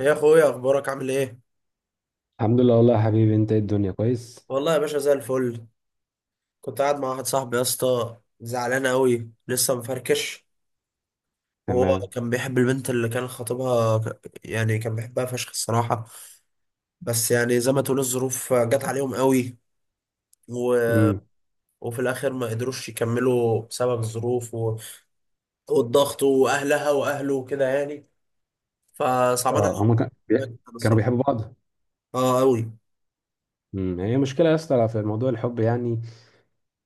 يا اخويا، اخبارك عامل ايه. الحمد لله، والله يا حبيبي. انت ايه؟ الدنيا كويس؟ والله يا باشا زي الفل. كنت قاعد مع واحد صاحبي يا اسطى زعلان قوي لسه مفركش. وهو تمام. كان بيحب البنت اللي كان خطيبها كان بيحبها فشخ الصراحه. بس يعني زي ما تقول الظروف جت عليهم قوي و... امم وفي الاخر ما قدروش يكملوا بسبب الظروف والضغط واهلها واهله وكده يعني، فصعبان اه، هما عليهم كانوا الصراحه، بيحبوا بعض. اه قوي. هي مشكله يا اسطى في موضوع الحب، يعني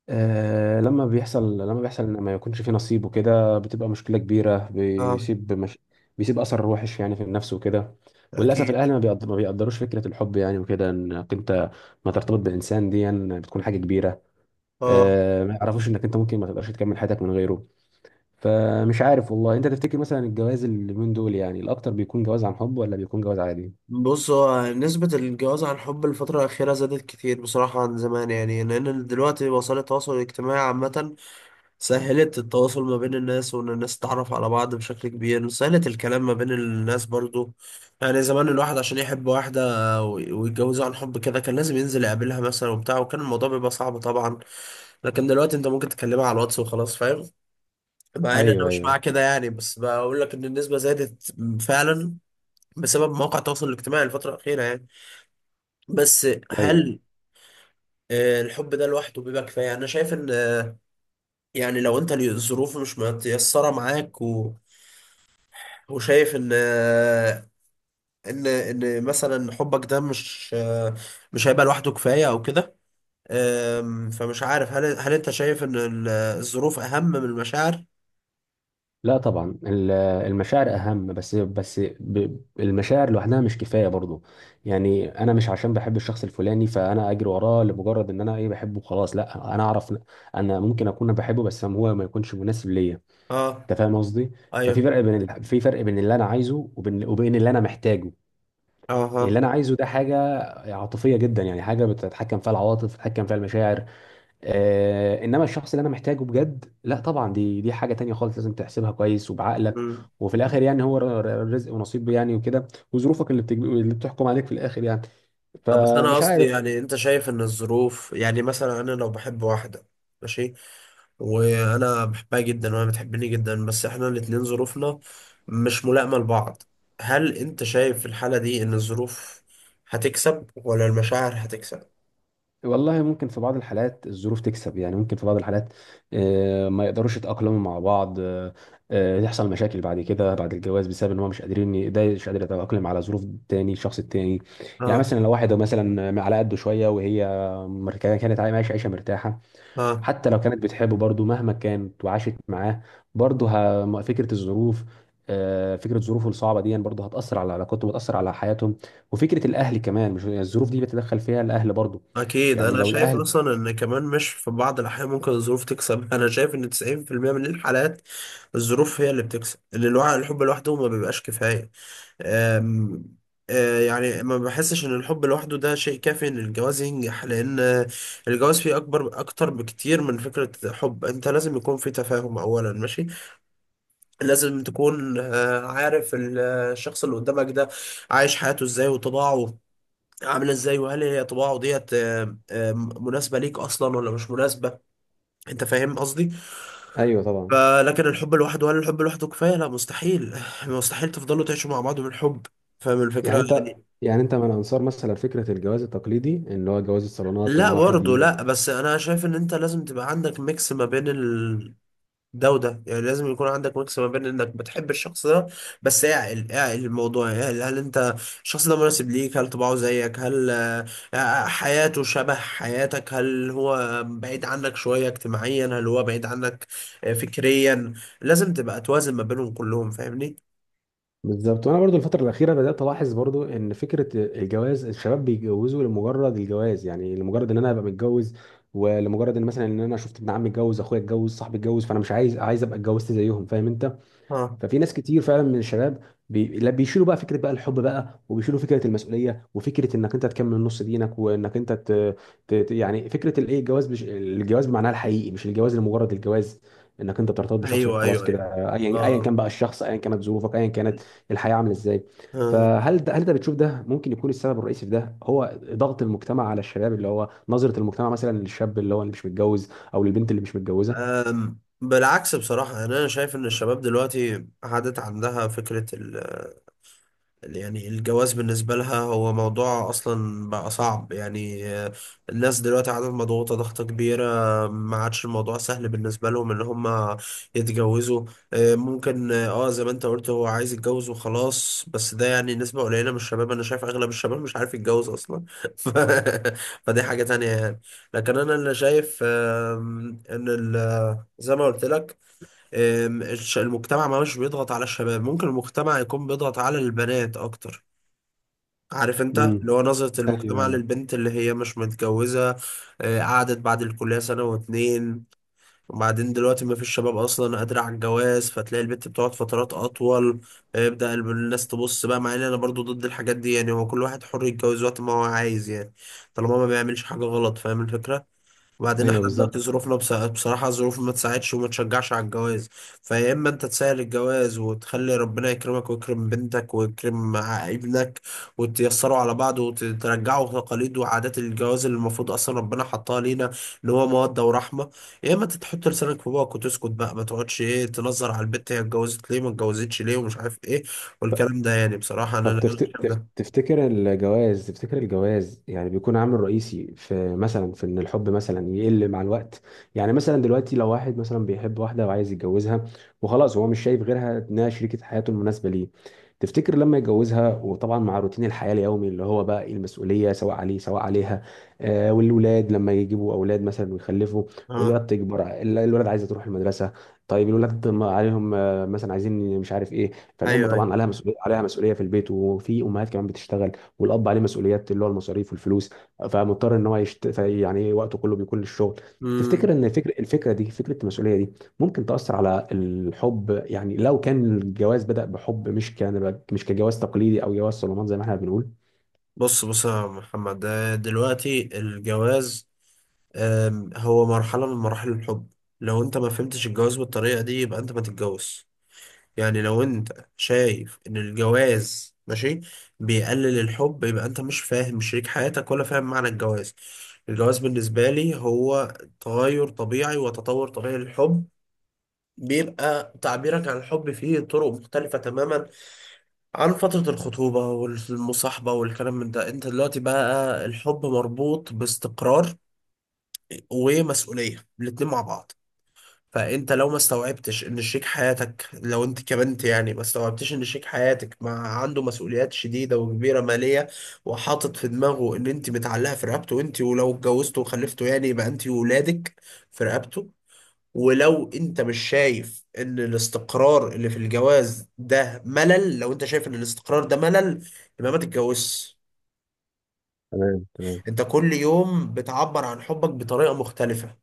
لما بيحصل، لما بيحصل ان ما يكونش في نصيب وكده بتبقى مشكله كبيره. اه. بيسيب مش... بيسيب اثر وحش يعني في النفس وكده. وللاسف اكيد. الاهل ما بيقدروش فكره الحب، يعني وكده، انك انت ما ترتبط بانسان دي يعني بتكون حاجه كبيره. اه. ما يعرفوش انك انت ممكن ما تقدرش تكمل حياتك من غيره. فمش عارف والله، انت تفتكر مثلا الجواز اليومين دول يعني الاكتر بيكون جواز عن حب، ولا بيكون جواز عادي؟ بص، هو نسبة الجواز عن حب الفترة الأخيرة زادت كتير بصراحة عن زمان، يعني لأن دلوقتي وسائل التواصل الاجتماعي عامة سهلت التواصل ما بين الناس، وإن الناس تتعرف على بعض بشكل كبير، سهلت الكلام ما بين الناس برضو. يعني زمان الواحد عشان يحب واحدة ويتجوزها عن حب كده كان لازم ينزل يقابلها مثلا وبتاع، وكان الموضوع بيبقى صعب طبعا. لكن دلوقتي أنت ممكن تكلمها على الواتس وخلاص، فاهم. مع إن أنا ايوه، مش مع ايوه، كده يعني، بس بقول لك إن النسبة زادت فعلا بسبب مواقع التواصل الاجتماعي الفترة الأخيرة يعني. بس ايوه. هل الحب ده لوحده بيبقى كفاية؟ أنا شايف إن يعني لو أنت الظروف مش متيسرة معاك وشايف إن، إن مثلا حبك ده مش، مش هيبقى لوحده كفاية أو كده. فمش عارف، هل أنت شايف إن الظروف أهم من المشاعر؟ لا طبعا، المشاعر اهم. بس المشاعر لوحدها مش كفايه برضو. يعني انا مش عشان بحب الشخص الفلاني فانا اجري وراه لمجرد ان انا ايه بحبه. خلاص لا، انا اعرف انا ممكن اكون بحبه بس هو ما يكونش مناسب ليا. أه. انت فاهم قصدي؟ ففي أيوه. فرق بين ال- في فرق بين اللي انا عايزه وبين اللي انا محتاجه. أه، يعني اللي ها. انا عايزه ده حاجه عاطفيه جدا، يعني حاجه بتتحكم فيها العواطف، بتتحكم فيها المشاعر. انما الشخص اللي انا محتاجه بجد، لا طبعا، دي حاجه تانية خالص، لازم تحسبها كويس وبعقلك. مم. وفي الاخر يعني هو رزق ونصيب، يعني وكده. وظروفك اللي بتحكم عليك في الاخر، يعني. بس أنا فمش قصدي عارف. يعني أنت شايف إن الظروف، يعني مثلا أنا لو بحب واحدة، ماشي، وانا بحبها جدا وهي بتحبني جدا، بس احنا الاتنين ظروفنا مش ملائمة لبعض، هل انت شايف في الحالة دي ان الظروف هتكسب ولا المشاعر هتكسب؟ والله ممكن، في بعض الحالات الظروف تكسب، يعني ممكن في بعض الحالات ما يقدروش يتأقلموا مع بعض، يحصل مشاكل بعد كده، بعد الجواز، بسبب ان هو مش قادرين ده مش قادر يتأقلم على ظروف التاني، الشخص التاني. يعني اه. مثلا لو واحد مثلا على قده شوية، وهي كانت عايشة عيشة مرتاحة. اه. حتى لو كانت بتحبه برضه، مهما كانت وعاشت معاه، برضه فكره الظروف، فكره ظروفه الصعبه دي برضه هتاثر على علاقاتهم وتاثر على حياتهم. وفكره الاهل كمان، مش يعني الظروف دي بيتدخل فيها الاهل برضه. اكيد يعني انا لو شايف الاهل... اصلا ان كمان مش، في بعض الاحيان ممكن الظروف تكسب. انا شايف ان 90% من الحالات الظروف هي اللي بتكسب، ان الحب لوحده ما بيبقاش كفاية. أم- يعني ما بحسش ان الحب لوحده ده شيء كافي ان الجواز ينجح، لان الجواز فيه اكبر، اكتر بكتير من فكرة حب. انت لازم يكون في تفاهم اولا، ماشي، لازم تكون عارف الشخص اللي قدامك ده عايش حياته ازاي، وطباعه عامله ازاي، وهل هي طباعه ديت مناسبة ليك اصلا ولا مش مناسبة، انت فاهم قصدي. ايوه طبعا. فلكن الحب لوحده، هل الحب لوحده كفاية؟ لا، مستحيل مستحيل تفضلوا تعيشوا مع بعض من حب، فاهم الفكرة يعني انت يعني. يعني انت من انصار مثلا فكره الجواز التقليدي، ان هو جواز الصالونات، ان لا واحد... برضه، لا، بس انا شايف ان انت لازم تبقى عندك ميكس ما بين ده وده، يعني لازم يكون عندك ميكس ما بين انك بتحب الشخص ده، بس اعقل اعقل الموضوع، يعني هل انت، الشخص ده مناسب ليك، هل طباعه زيك، هل حياته شبه حياتك، هل هو بعيد عنك شوية اجتماعيا، هل هو بعيد عنك فكريا، لازم تبقى توازن ما بينهم كلهم، فاهمني. بالظبط. وانا برضو الفتره الاخيره بدات الاحظ برضو ان فكره الجواز، الشباب بيتجوزوا لمجرد الجواز، يعني لمجرد ان انا ابقى متجوز. ولمجرد ان مثلا ان انا شفت ابن عمي اتجوز، اخويا اتجوز، صاحبي اتجوز، فانا مش عايز ابقى اتجوزت زيهم. فاهم انت؟ اه. ففي ناس كتير فعلا من الشباب لا، بيشيلوا بقى فكره بقى الحب بقى، وبيشيلوا فكره المسؤوليه وفكره انك انت تكمل نص دينك، وانك انت يعني فكره الايه، الجواز الجواز بمعناها الحقيقي، مش الجواز لمجرد الجواز، انك انت بترتبط بشخص ايوه، وخلاص ايوه، كده، ايوه. ايا اه. ايا آه. كان بقى الشخص، ايا كانت ظروفك، ايا كانت الحياه عامله ازاي. آه. فهل ده بتشوف ده ممكن يكون السبب الرئيسي في ده هو ضغط المجتمع على الشباب، اللي هو نظره المجتمع مثلا للشاب اللي هو اللي مش متجوز، او للبنت اللي مش متجوزه؟ بالعكس بصراحة، يعني أنا شايف إن الشباب دلوقتي عادت عندها فكرة ال، يعني الجواز بالنسبة لها هو موضوع أصلا بقى صعب، يعني الناس دلوقتي عندها، مضغوطة ضغطة كبيرة، ما عادش الموضوع سهل بالنسبة لهم إن هم يتجوزوا. ممكن اه زي ما أنت قلت هو عايز يتجوز وخلاص، بس ده يعني نسبة قليلة من الشباب. أنا شايف أغلب الشباب مش عارف يتجوز أصلا ف... فدي حاجة تانية يعني. لكن أنا اللي شايف، إن زي ما قلت لك، المجتمع ما مش بيضغط على الشباب، ممكن المجتمع يكون بيضغط على البنات اكتر، عارف امم. انت، اللي هو نظرة ايوه، المجتمع ايوه، للبنت اللي هي مش متجوزة. قعدت بعد الكلية سنة واتنين، وبعدين دلوقتي ما فيش شباب اصلا قادرة على الجواز، فتلاقي البنت بتقعد فترات اطول، يبدأ الناس تبص بقى. مع ان انا برضو ضد الحاجات دي، يعني هو كل واحد حر يتجوز وقت ما هو عايز يعني، طالما ما بيعملش حاجة غلط، فاهم الفكرة. وبعدين ايوه. احنا بالظبط. دلوقتي ظروفنا بصراحة الظروف ما تساعدش وما تشجعش على الجواز. فيا اما انت تسهل الجواز وتخلي ربنا يكرمك ويكرم بنتك ويكرم ابنك، وتيسروا على بعض، وترجعوا تقاليد وعادات الجواز اللي المفروض اصلا ربنا حطها لينا، اللي هو مودة ورحمة. يا اما انت تحط لسانك في بوقك وتسكت بقى، ما تقعدش ايه تنظر على البت هي اتجوزت ليه، ما اتجوزتش ليه، ومش عارف ايه، والكلام ده يعني. بصراحة انا طب شايف ده. تفتكر الجواز، تفتكر الجواز يعني بيكون عامل رئيسي في ان الحب مثلا يقل مع الوقت. يعني مثلا دلوقتي لو واحد مثلا بيحب واحدة وعايز يتجوزها وخلاص، هو مش شايف غيرها انها شريكة حياته المناسبة ليه. تفتكر لما يتجوزها، وطبعا مع روتين الحياة اليومي اللي هو بقى إيه، المسؤولية سواء عليه سواء عليها، والولاد لما يجيبوا اولاد مثلا ويخلفوا، اه. الولاد تكبر، الولاد عايزة تروح المدرسة. طيب الولاد ما عليهم، مثلا عايزين مش عارف ايه. فالام ايوه، طبعا عليها مسؤوليه في البيت، وفي امهات كمان بتشتغل. والاب عليه مسؤوليات اللي هو المصاريف والفلوس، فمضطر ان هو يعني وقته كله بيكون للشغل. ايوه. تفتكر ان الفكره دي، فكره المسؤوليه دي ممكن تاثر على الحب، يعني لو كان الجواز بدا بحب، مش كجواز تقليدي او جواز صالونات زي ما احنا بنقول. بص، بص يا محمد، ده دلوقتي الجواز هو مرحلة من مراحل الحب. لو انت ما فهمتش الجواز بالطريقة دي يبقى انت ما تتجوز. يعني لو انت شايف ان الجواز ماشي بيقلل الحب، يبقى انت مش فاهم شريك حياتك، ولا فاهم معنى الجواز. الجواز بالنسبة لي هو تغير طبيعي وتطور طبيعي للحب، بيبقى تعبيرك عن الحب فيه طرق مختلفة تماما عن فترة الخطوبة والمصاحبة والكلام من ده. انت دلوقتي بقى الحب مربوط باستقرار ومسؤولية الاتنين مع بعض. فانت لو ما استوعبتش ان شريك حياتك، لو انت كبنت يعني ما استوعبتش ان شريك حياتك مع، عنده مسؤوليات شديدة وكبيرة مالية، وحاطط في دماغه ان انت متعلقة في رقبته انت، ولو اتجوزته وخلفته يعني يبقى انت وولادك في رقبته، ولو انت مش شايف ان الاستقرار اللي في الجواز ده ملل، لو انت شايف ان الاستقرار ده ملل، يبقى ما تتجوزش. تمام، تمام. انت كل يوم بتعبر عن حبك بطريقة مختلفة.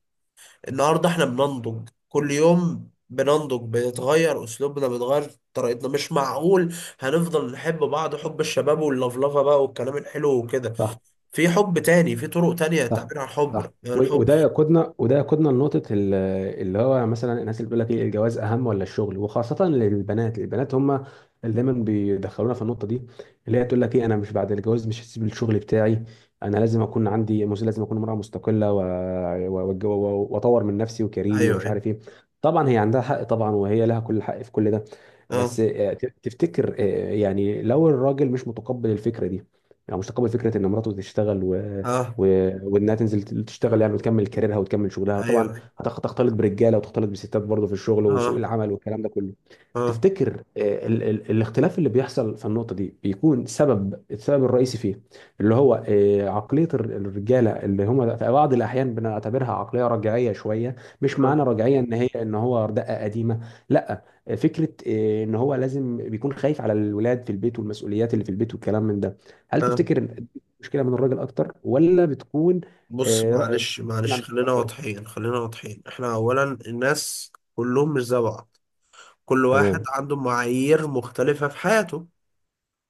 النهاردة احنا بننضج، كل يوم بننضج، بنتغير اسلوبنا، بنتغير طريقتنا، مش معقول هنفضل نحب بعض حب الشباب واللفلفة بقى والكلام الحلو وكده، صح، في حب تاني، في طرق تانية صح. تعبير عن صح. الحب، يعني الحب. وده يقودنا، وده يقودنا لنقطة اللي هو مثلا الناس اللي بتقول لك ايه، الجواز أهم ولا الشغل. وخاصة للبنات، البنات هم اللي دايما بيدخلونا في النقطة دي، اللي هي تقول لك ايه، أنا مش... بعد الجواز مش هسيب الشغل بتاعي. أنا لازم أكون عندي لازم أكون امرأة مستقلة، وأطور من نفسي وكاريري ايوه، ومش ايوه. عارف ايه. طبعا هي عندها حق، طبعا وهي لها كل حق في كل ده. اه. بس تفتكر، يعني لو الراجل مش متقبل الفكرة دي، يعني مش متقبل فكرة إن مراته تشتغل اه. وانها تنزل تشتغل، يعني وتكمل كاريرها وتكمل شغلها طبعا. ايوه، ايوه. هتختلط برجاله وتختلط بستات برضه في الشغل وسوق اه. العمل والكلام ده كله. اه. تفتكر الاختلاف اللي بيحصل في النقطة دي بيكون السبب الرئيسي فيه، اللي هو عقلية الرجالة اللي هم في بعض الأحيان بنعتبرها عقلية رجعية شوية. مش معنى اه. رجعية إن هو دقة قديمة. لا، فكرة إن هو لازم بيكون خايف على الولاد في البيت والمسؤوليات اللي في البيت والكلام من ده. هل آه. تفتكر إن دي مشكلة من الراجل أكتر، ولا بتكون بص، آه، رأي- معلش مشكلة معلش عند الست خلينا أكتر؟ واضحين، خلينا واضحين. احنا اولا الناس كلهم مش زي بعض، كل واحد تمام، عنده معايير مختلفة في حياته.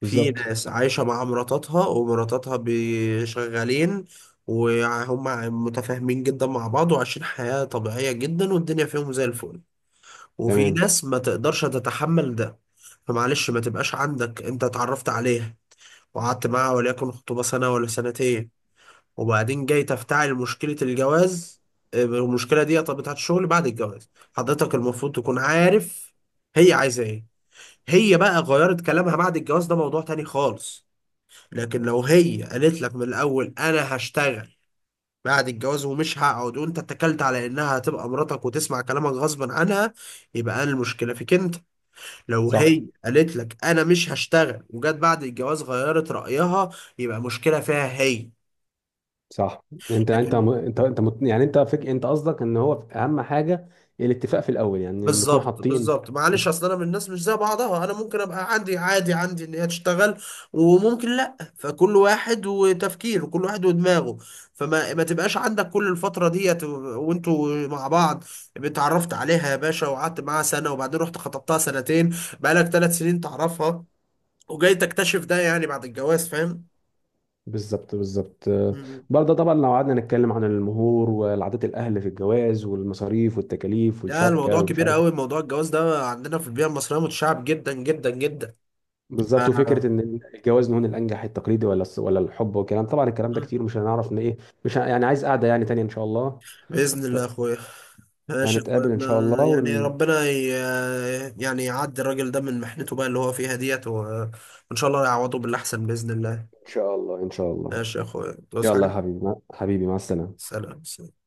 في بالظبط. ناس عايشة مع مراتاتها، ومراتاتها شغالين، وهم متفاهمين جدا مع بعض وعايشين حياة طبيعية جدا، والدنيا فيهم زي الفل. وفي تمام، ناس ما تقدرش تتحمل ده. فمعلش، ما تبقاش عندك انت اتعرفت عليها وقعدت معاها وليكن خطوبة سنة ولا سنتين، وبعدين جاي تفتعل مشكلة الجواز. المشكلة دي طب، بتاعت الشغل بعد الجواز، حضرتك المفروض تكون عارف هي عايزة ايه. هي بقى غيرت كلامها بعد الجواز ده موضوع تاني خالص، لكن لو هي قالت لك من الأول أنا هشتغل بعد الجواز ومش هقعد، وانت اتكلت على انها هتبقى مراتك وتسمع كلامك غصبا عنها، يبقى انا المشكله فيك انت. لو صح، هي قالت لك انا مش هشتغل وجت بعد الجواز غيرت رايها، يبقى مشكله فيها هي. صح. لكن، يعني انت قصدك ان هو اهم حاجه، الاتفاق في الاول، يعني نكون بالظبط حاطين... بالظبط. معلش اصل انا من الناس مش زي بعضها، انا ممكن ابقى عندي عادي عندي ان هي تشتغل، وممكن لا، فكل واحد وتفكيره، كل واحد ودماغه. فما ما تبقاش عندك، كل الفتره ديت وانتوا مع بعض اتعرفت عليها يا باشا، وقعدت معاها سنه، وبعدين رحت خطبتها سنتين، بقالك ثلاث سنين تعرفها، وجاي تكتشف ده يعني بعد الجواز، فاهم. بالظبط، بالظبط. مم. برضه طبعا لو قعدنا نتكلم عن المهور والعادات، الاهل في الجواز والمصاريف والتكاليف لا الموضوع والشبكه ومش كبير عارف... قوي، موضوع الجواز ده عندنا في البيئه المصريه متشعب جدا جدا جدا. بالظبط. وفكره آه. ان الجواز هون الانجح، التقليدي ولا الحب والكلام، طبعا الكلام ده كتير، مش هنعرف ان ايه. مش ه- يعني عايز قعده يعني تانية ان شاء الله. بإذن ف- الله يا أخويا. ماشي يا أخويا، فهنتقابل ان شاء أنا الله يعني ربنا يعني يعدي الراجل ده من محنته بقى اللي هو فيها ديت وإن شاء الله يعوضه بالأحسن بإذن الله. ان شاء الله، ان شاء الله. ماشي يا أخويا، تصحى. يلا يا حبيبي، مع السلامه. سلام سلام.